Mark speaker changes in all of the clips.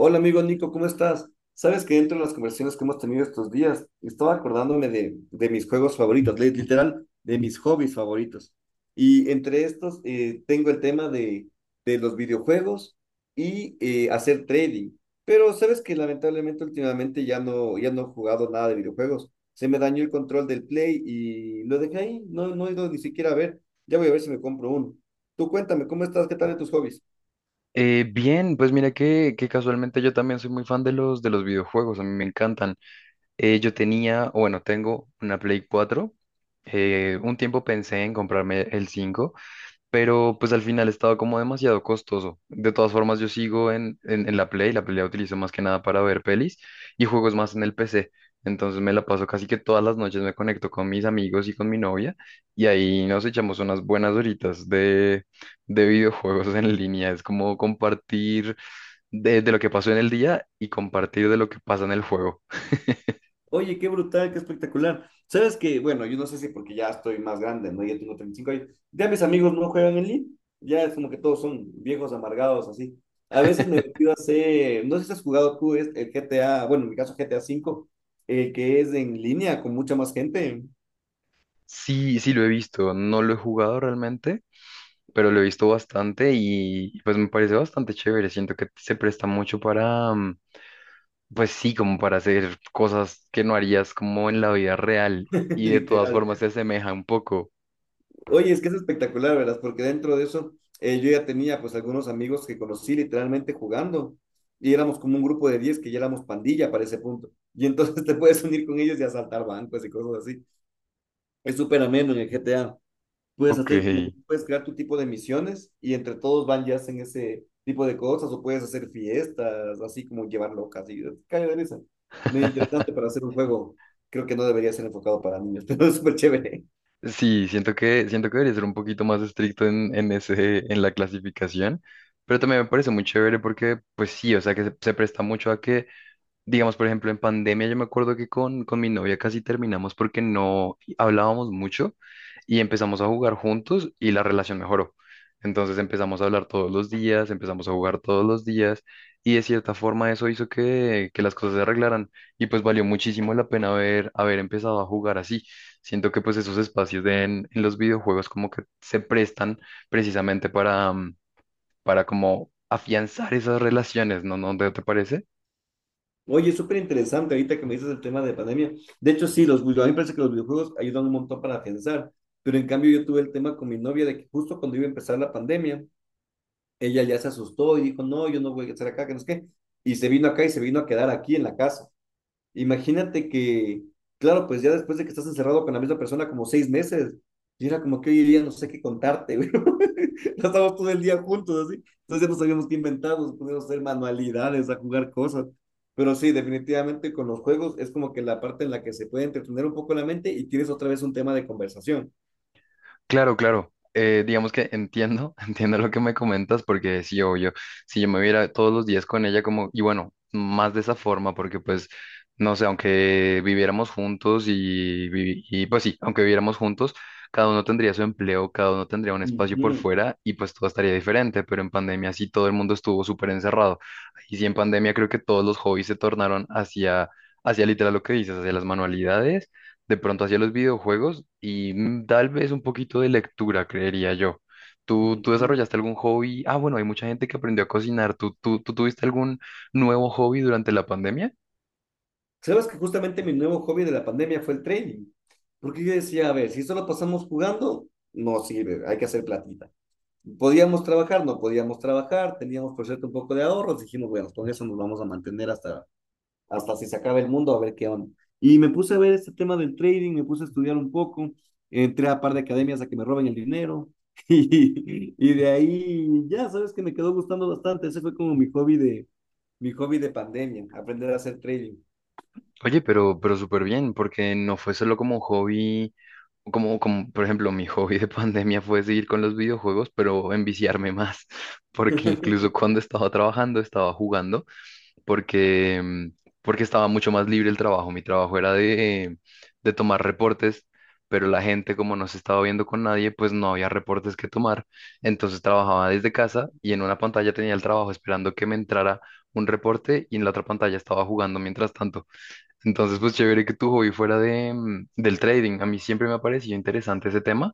Speaker 1: Hola amigo Nico, ¿cómo estás? Sabes que dentro de las conversaciones que hemos tenido estos días, estaba acordándome de mis juegos favoritos, literal, de mis hobbies favoritos. Y entre estos tengo el tema de los videojuegos y hacer trading. Pero sabes que lamentablemente últimamente ya no he jugado nada de videojuegos. Se me dañó el control del Play y lo dejé ahí, no he ido ni siquiera a ver. Ya voy a ver si me compro uno. Tú cuéntame, ¿cómo estás? ¿Qué tal de tus hobbies?
Speaker 2: Bien, pues mira que casualmente yo también soy muy fan de los videojuegos, a mí me encantan. Yo tenía, o bueno, tengo una Play cuatro, un tiempo pensé en comprarme el cinco, pero pues al final estaba como demasiado costoso. De todas formas, yo sigo en la Play. La Play la utilizo más que nada para ver pelis y juegos más en el PC. Entonces me la paso casi que todas las noches, me conecto con mis amigos y con mi novia, y ahí nos echamos unas buenas horitas de, videojuegos en línea. Es como compartir de lo que pasó en el día y compartir de lo que pasa en el juego.
Speaker 1: Oye, qué brutal, qué espectacular. Sabes que, bueno, yo no sé si porque ya estoy más grande, ¿no? Ya tengo 35 años. Ya mis amigos no juegan en línea. Ya es como que todos son viejos amargados, así. A veces me he metido a hacer, no sé si has jugado tú el GTA, bueno, en mi caso GTA 5, que es en línea con mucha más gente.
Speaker 2: Sí, sí lo he visto, no lo he jugado realmente, pero lo he visto bastante y pues me parece bastante chévere. Siento que se presta mucho para, pues sí, como para hacer cosas que no harías como en la vida real, y de todas
Speaker 1: Literal.
Speaker 2: formas se asemeja un poco.
Speaker 1: Oye, es que es espectacular, ¿verdad? Porque dentro de eso yo ya tenía pues algunos amigos que conocí literalmente jugando, y éramos como un grupo de 10 que ya éramos pandilla para ese punto. Y entonces te puedes unir con ellos y asaltar bancos y cosas así. Es súper ameno en el GTA. Puedes
Speaker 2: Ok.
Speaker 1: hacer como que puedes crear tu tipo de misiones y entre todos van y hacen ese tipo de cosas, o puedes hacer fiestas, así como llevar locas y cae de risa. Muy interesante para hacer un juego. Creo que no debería ser enfocado para niños, pero es súper chévere.
Speaker 2: Sí, siento que debería ser un poquito más estricto en, ese, en la clasificación, pero también me parece muy chévere porque, pues sí, o sea, que se, presta mucho a que... Digamos, por ejemplo, en pandemia yo me acuerdo que con mi novia casi terminamos porque no hablábamos mucho y empezamos a jugar juntos, y la relación mejoró. Entonces empezamos a hablar todos los días, empezamos a jugar todos los días, y de cierta forma eso hizo que las cosas se arreglaran, y pues valió muchísimo la pena haber, empezado a jugar así. Siento que pues esos espacios de en los videojuegos como que se prestan precisamente para, para como afianzar esas relaciones, ¿no? ¿No te parece?
Speaker 1: Oye, súper interesante ahorita que me dices el tema de pandemia. De hecho, sí, a mí me parece que los videojuegos ayudan un montón para afianzar, pero en cambio yo tuve el tema con mi novia de que justo cuando iba a empezar la pandemia, ella ya se asustó y dijo, no, yo no voy a estar acá, que no es qué, y se vino acá y se vino a quedar aquí en la casa. Imagínate que, claro, pues ya después de que estás encerrado con la misma persona como 6 meses, y era como que hoy día no sé qué contarte, güey. Ya estábamos todo el día juntos, así. Entonces ya no sabíamos qué inventar, nos poníamos a hacer manualidades, a jugar cosas. Pero sí, definitivamente con los juegos es como que la parte en la que se puede entretener un poco la mente y tienes otra vez un tema de conversación.
Speaker 2: Claro, claro. Digamos que entiendo, entiendo lo que me comentas, porque sí, obvio, si yo me viera todos los días con ella como, y bueno, más de esa forma, porque pues, no sé, aunque viviéramos juntos y, y pues sí, aunque viviéramos juntos, cada uno tendría su empleo, cada uno tendría un espacio
Speaker 1: Ujú,
Speaker 2: por fuera y pues todo estaría diferente, pero en pandemia sí todo el mundo estuvo súper encerrado. Y sí, en pandemia creo que todos los hobbies se tornaron hacia, literal lo que dices, hacia las manualidades, de pronto hacia los videojuegos y, tal vez un poquito de lectura, creería yo. ¿Tú
Speaker 1: ujú.
Speaker 2: desarrollaste algún hobby? Ah, bueno, hay mucha gente que aprendió a cocinar. ¿Tú tuviste algún nuevo hobby durante la pandemia?
Speaker 1: Sabes que justamente mi nuevo hobby de la pandemia fue el trading. Porque yo decía, a ver, si solo pasamos jugando, no sirve, hay que hacer platita. Podíamos trabajar, no podíamos trabajar, teníamos por cierto un poco de ahorros, dijimos, bueno, con eso nos vamos a mantener hasta, hasta si se acaba el mundo, a ver qué onda. Y me puse a ver este tema del trading, me puse a estudiar un poco, entré a un par de academias a que me roben el dinero, y de ahí ya sabes que me quedó gustando bastante. Ese fue como mi hobby mi hobby de pandemia, aprender a hacer trading.
Speaker 2: Oye, pero súper bien, porque no fue solo como un hobby, como, como, por ejemplo, mi hobby de pandemia fue seguir con los videojuegos, pero enviciarme más, porque incluso cuando estaba trabajando, estaba jugando. Porque, porque estaba mucho más libre el trabajo. Mi trabajo era de, tomar reportes, pero la gente, como no se estaba viendo con nadie, pues no había reportes que tomar. Entonces trabajaba desde casa y en una pantalla tenía el trabajo esperando que me entrara un reporte, y en la otra pantalla estaba jugando mientras tanto. Entonces, pues chévere que tu hobby fuera del trading. A mí siempre me ha parecido interesante ese tema,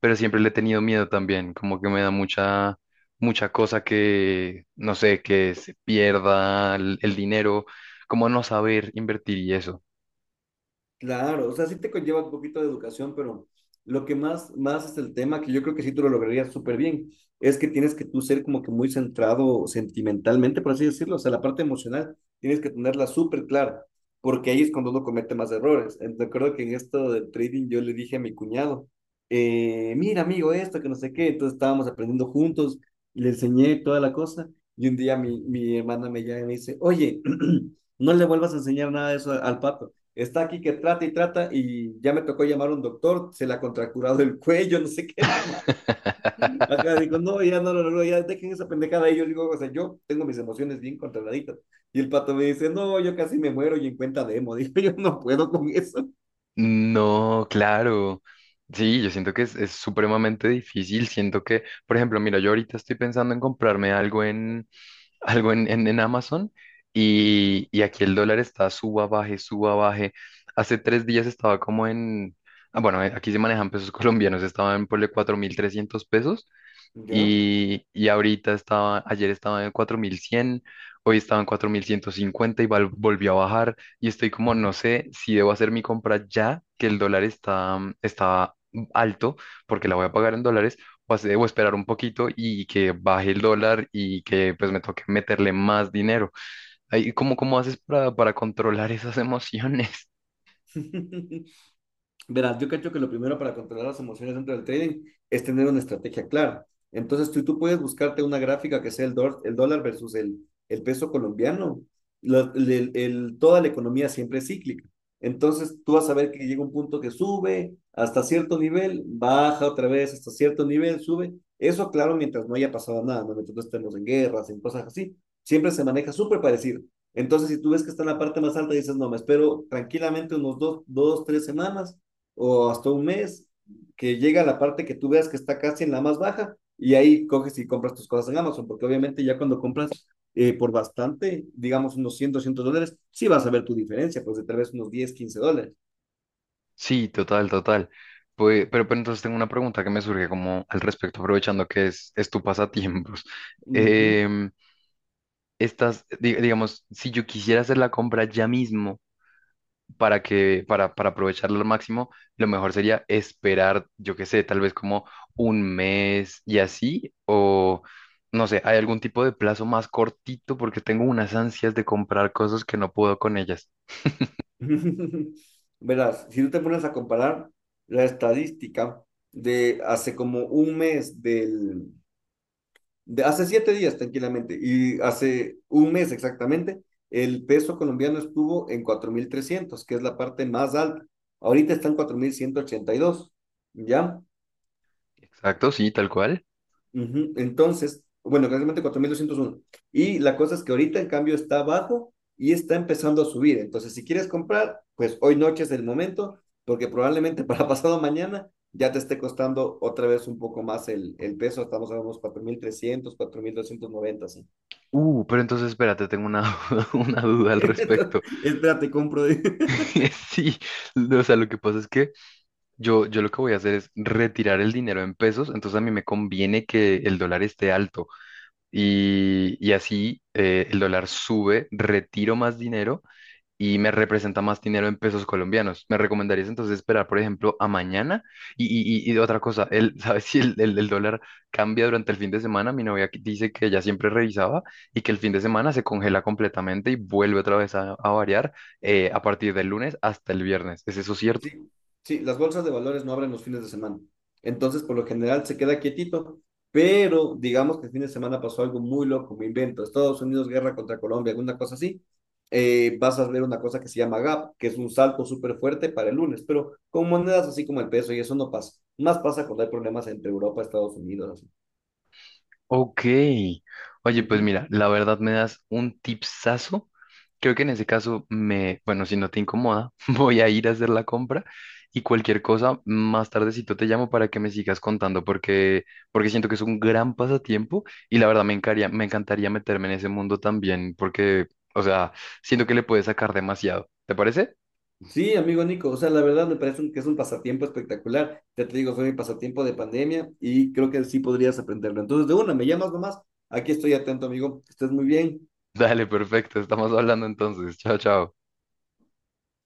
Speaker 2: pero siempre le he tenido miedo también, como que me da mucha, cosa que, no sé, que se pierda el dinero, como no saber invertir y eso.
Speaker 1: Claro, o sea, sí te conlleva un poquito de educación, pero lo que más es el tema, que yo creo que sí tú lo lograrías súper bien, es que tienes que tú ser como que muy centrado sentimentalmente, por así decirlo. O sea, la parte emocional tienes que tenerla súper clara, porque ahí es cuando uno comete más errores. Recuerdo que en esto del trading yo le dije a mi cuñado, mira amigo, esto que no sé qué, entonces estábamos aprendiendo juntos, le enseñé toda la cosa, y un día mi hermana me llama y me dice, oye, no le vuelvas a enseñar nada de eso al papi. Está aquí que trata y trata y ya me tocó llamar a un doctor, se le ha contracturado el cuello, no sé qué, nomás. Acá digo, no, ya no lo no, no, ya dejen esa pendejada. Y yo digo, o sea, yo tengo mis emociones bien controladitas. Y el pato me dice, no, yo casi me muero y en cuenta demo. Digo, yo no puedo con eso.
Speaker 2: No, claro. Sí, yo siento que es, supremamente difícil. Siento que, por ejemplo, mira, yo ahorita estoy pensando en comprarme algo en Amazon, y aquí el dólar está suba, baje, suba, baje. Hace 3 días estaba como bueno, aquí se manejan pesos colombianos, estaban por 4.300 pesos,
Speaker 1: ¿Ya?
Speaker 2: y ahorita estaba, ayer estaba en 4.100, hoy estaba en 4.150 y volvió a bajar. Y estoy como, no sé si debo hacer mi compra ya, que el dólar está, está alto, porque la voy a pagar en dólares, o, debo esperar un poquito y que baje el dólar y que pues me toque meterle más dinero. Ahí ¿cómo, cómo haces para controlar esas emociones?
Speaker 1: Verás, yo creo que lo primero para controlar las emociones dentro del trading es tener una estrategia clara. Entonces, tú puedes buscarte una gráfica que sea el dólar versus el peso colombiano. Toda la economía siempre es cíclica. Entonces, tú vas a ver que llega un punto que sube hasta cierto nivel, baja otra vez hasta cierto nivel, sube. Eso, claro, mientras no haya pasado nada, ¿no? Mientras no estemos en guerras, en cosas así, siempre se maneja súper parecido. Entonces, si tú ves que está en la parte más alta, dices, no, me espero tranquilamente unos tres semanas o hasta un mes, que llega a la parte que tú veas que está casi en la más baja, y ahí coges y compras tus cosas en Amazon, porque obviamente ya cuando compras por bastante, digamos unos 100, $200, sí vas a ver tu diferencia, pues de tal vez unos 10, 15 dólares.
Speaker 2: Sí, total, total. Pues, pero entonces tengo una pregunta que me surge como al respecto, aprovechando que es tu pasatiempos.
Speaker 1: Ujú.
Speaker 2: Em, estas, digamos, si yo quisiera hacer la compra ya mismo, para aprovecharla al máximo, lo mejor sería esperar, yo qué sé, tal vez como un mes y así, o no sé, ¿hay algún tipo de plazo más cortito? Porque tengo unas ansias de comprar cosas que no puedo con ellas.
Speaker 1: Verás, si tú te pones a comparar la estadística de hace como un mes de hace 7 días tranquilamente y hace un mes exactamente, el peso colombiano estuvo en 4.300, que es la parte más alta. Ahorita está en 4.182, ¿ya?
Speaker 2: Exacto, sí, tal cual.
Speaker 1: Uh -huh. Entonces, bueno, realmente 4.201. Y la cosa es que ahorita en cambio está abajo y está empezando a subir. Entonces, si quieres comprar, pues hoy noche es el momento, porque probablemente para pasado mañana ya te esté costando otra vez un poco más el peso. Estamos a unos cuatro mil trescientos, 4.290, ¿sí?
Speaker 2: Pero entonces espérate, tengo una, una duda al respecto.
Speaker 1: Espérate, compro.
Speaker 2: Sí, no, o sea, lo que pasa es que yo lo que voy a hacer es retirar el dinero en pesos, entonces a mí me conviene que el dólar esté alto, y así, el dólar sube, retiro más dinero y me representa más dinero en pesos colombianos. ¿Me recomendarías entonces esperar, por ejemplo, a mañana? Y otra cosa, ¿sabes si el dólar cambia durante el fin de semana? Mi novia que- dice que ella siempre revisaba y que el fin de semana se congela completamente y vuelve otra vez a variar, a partir del lunes hasta el viernes. ¿Es eso cierto?
Speaker 1: Sí, sí, las bolsas de valores no abren los fines de semana. Entonces, por lo general, se queda quietito. Pero digamos que el fin de semana pasó algo muy loco, me invento. Estados Unidos, guerra contra Colombia, alguna cosa así. Vas a ver una cosa que se llama gap, que es un salto súper fuerte para el lunes, pero con monedas así como el peso y eso no pasa. Más pasa cuando hay problemas entre Europa y Estados Unidos, así.
Speaker 2: Ok. Oye, pues
Speaker 1: Ujú.
Speaker 2: mira, la verdad me das un tipsazo. Creo que en ese caso me, bueno, si no te incomoda, voy a ir a hacer la compra y cualquier cosa, más tardecito te llamo, para que me sigas contando porque, porque siento que es un gran pasatiempo, y la verdad me encantaría meterme en ese mundo también porque, o sea, siento que le puedes sacar demasiado. ¿Te parece?
Speaker 1: Sí, amigo Nico, o sea, la verdad me parece que es un pasatiempo espectacular. Ya te digo, fue mi pasatiempo de pandemia y creo que sí podrías aprenderlo. Entonces, de una, me llamas nomás. Aquí estoy atento, amigo. Que estés muy bien.
Speaker 2: Dale, perfecto. Estamos hablando entonces. Chao, chao.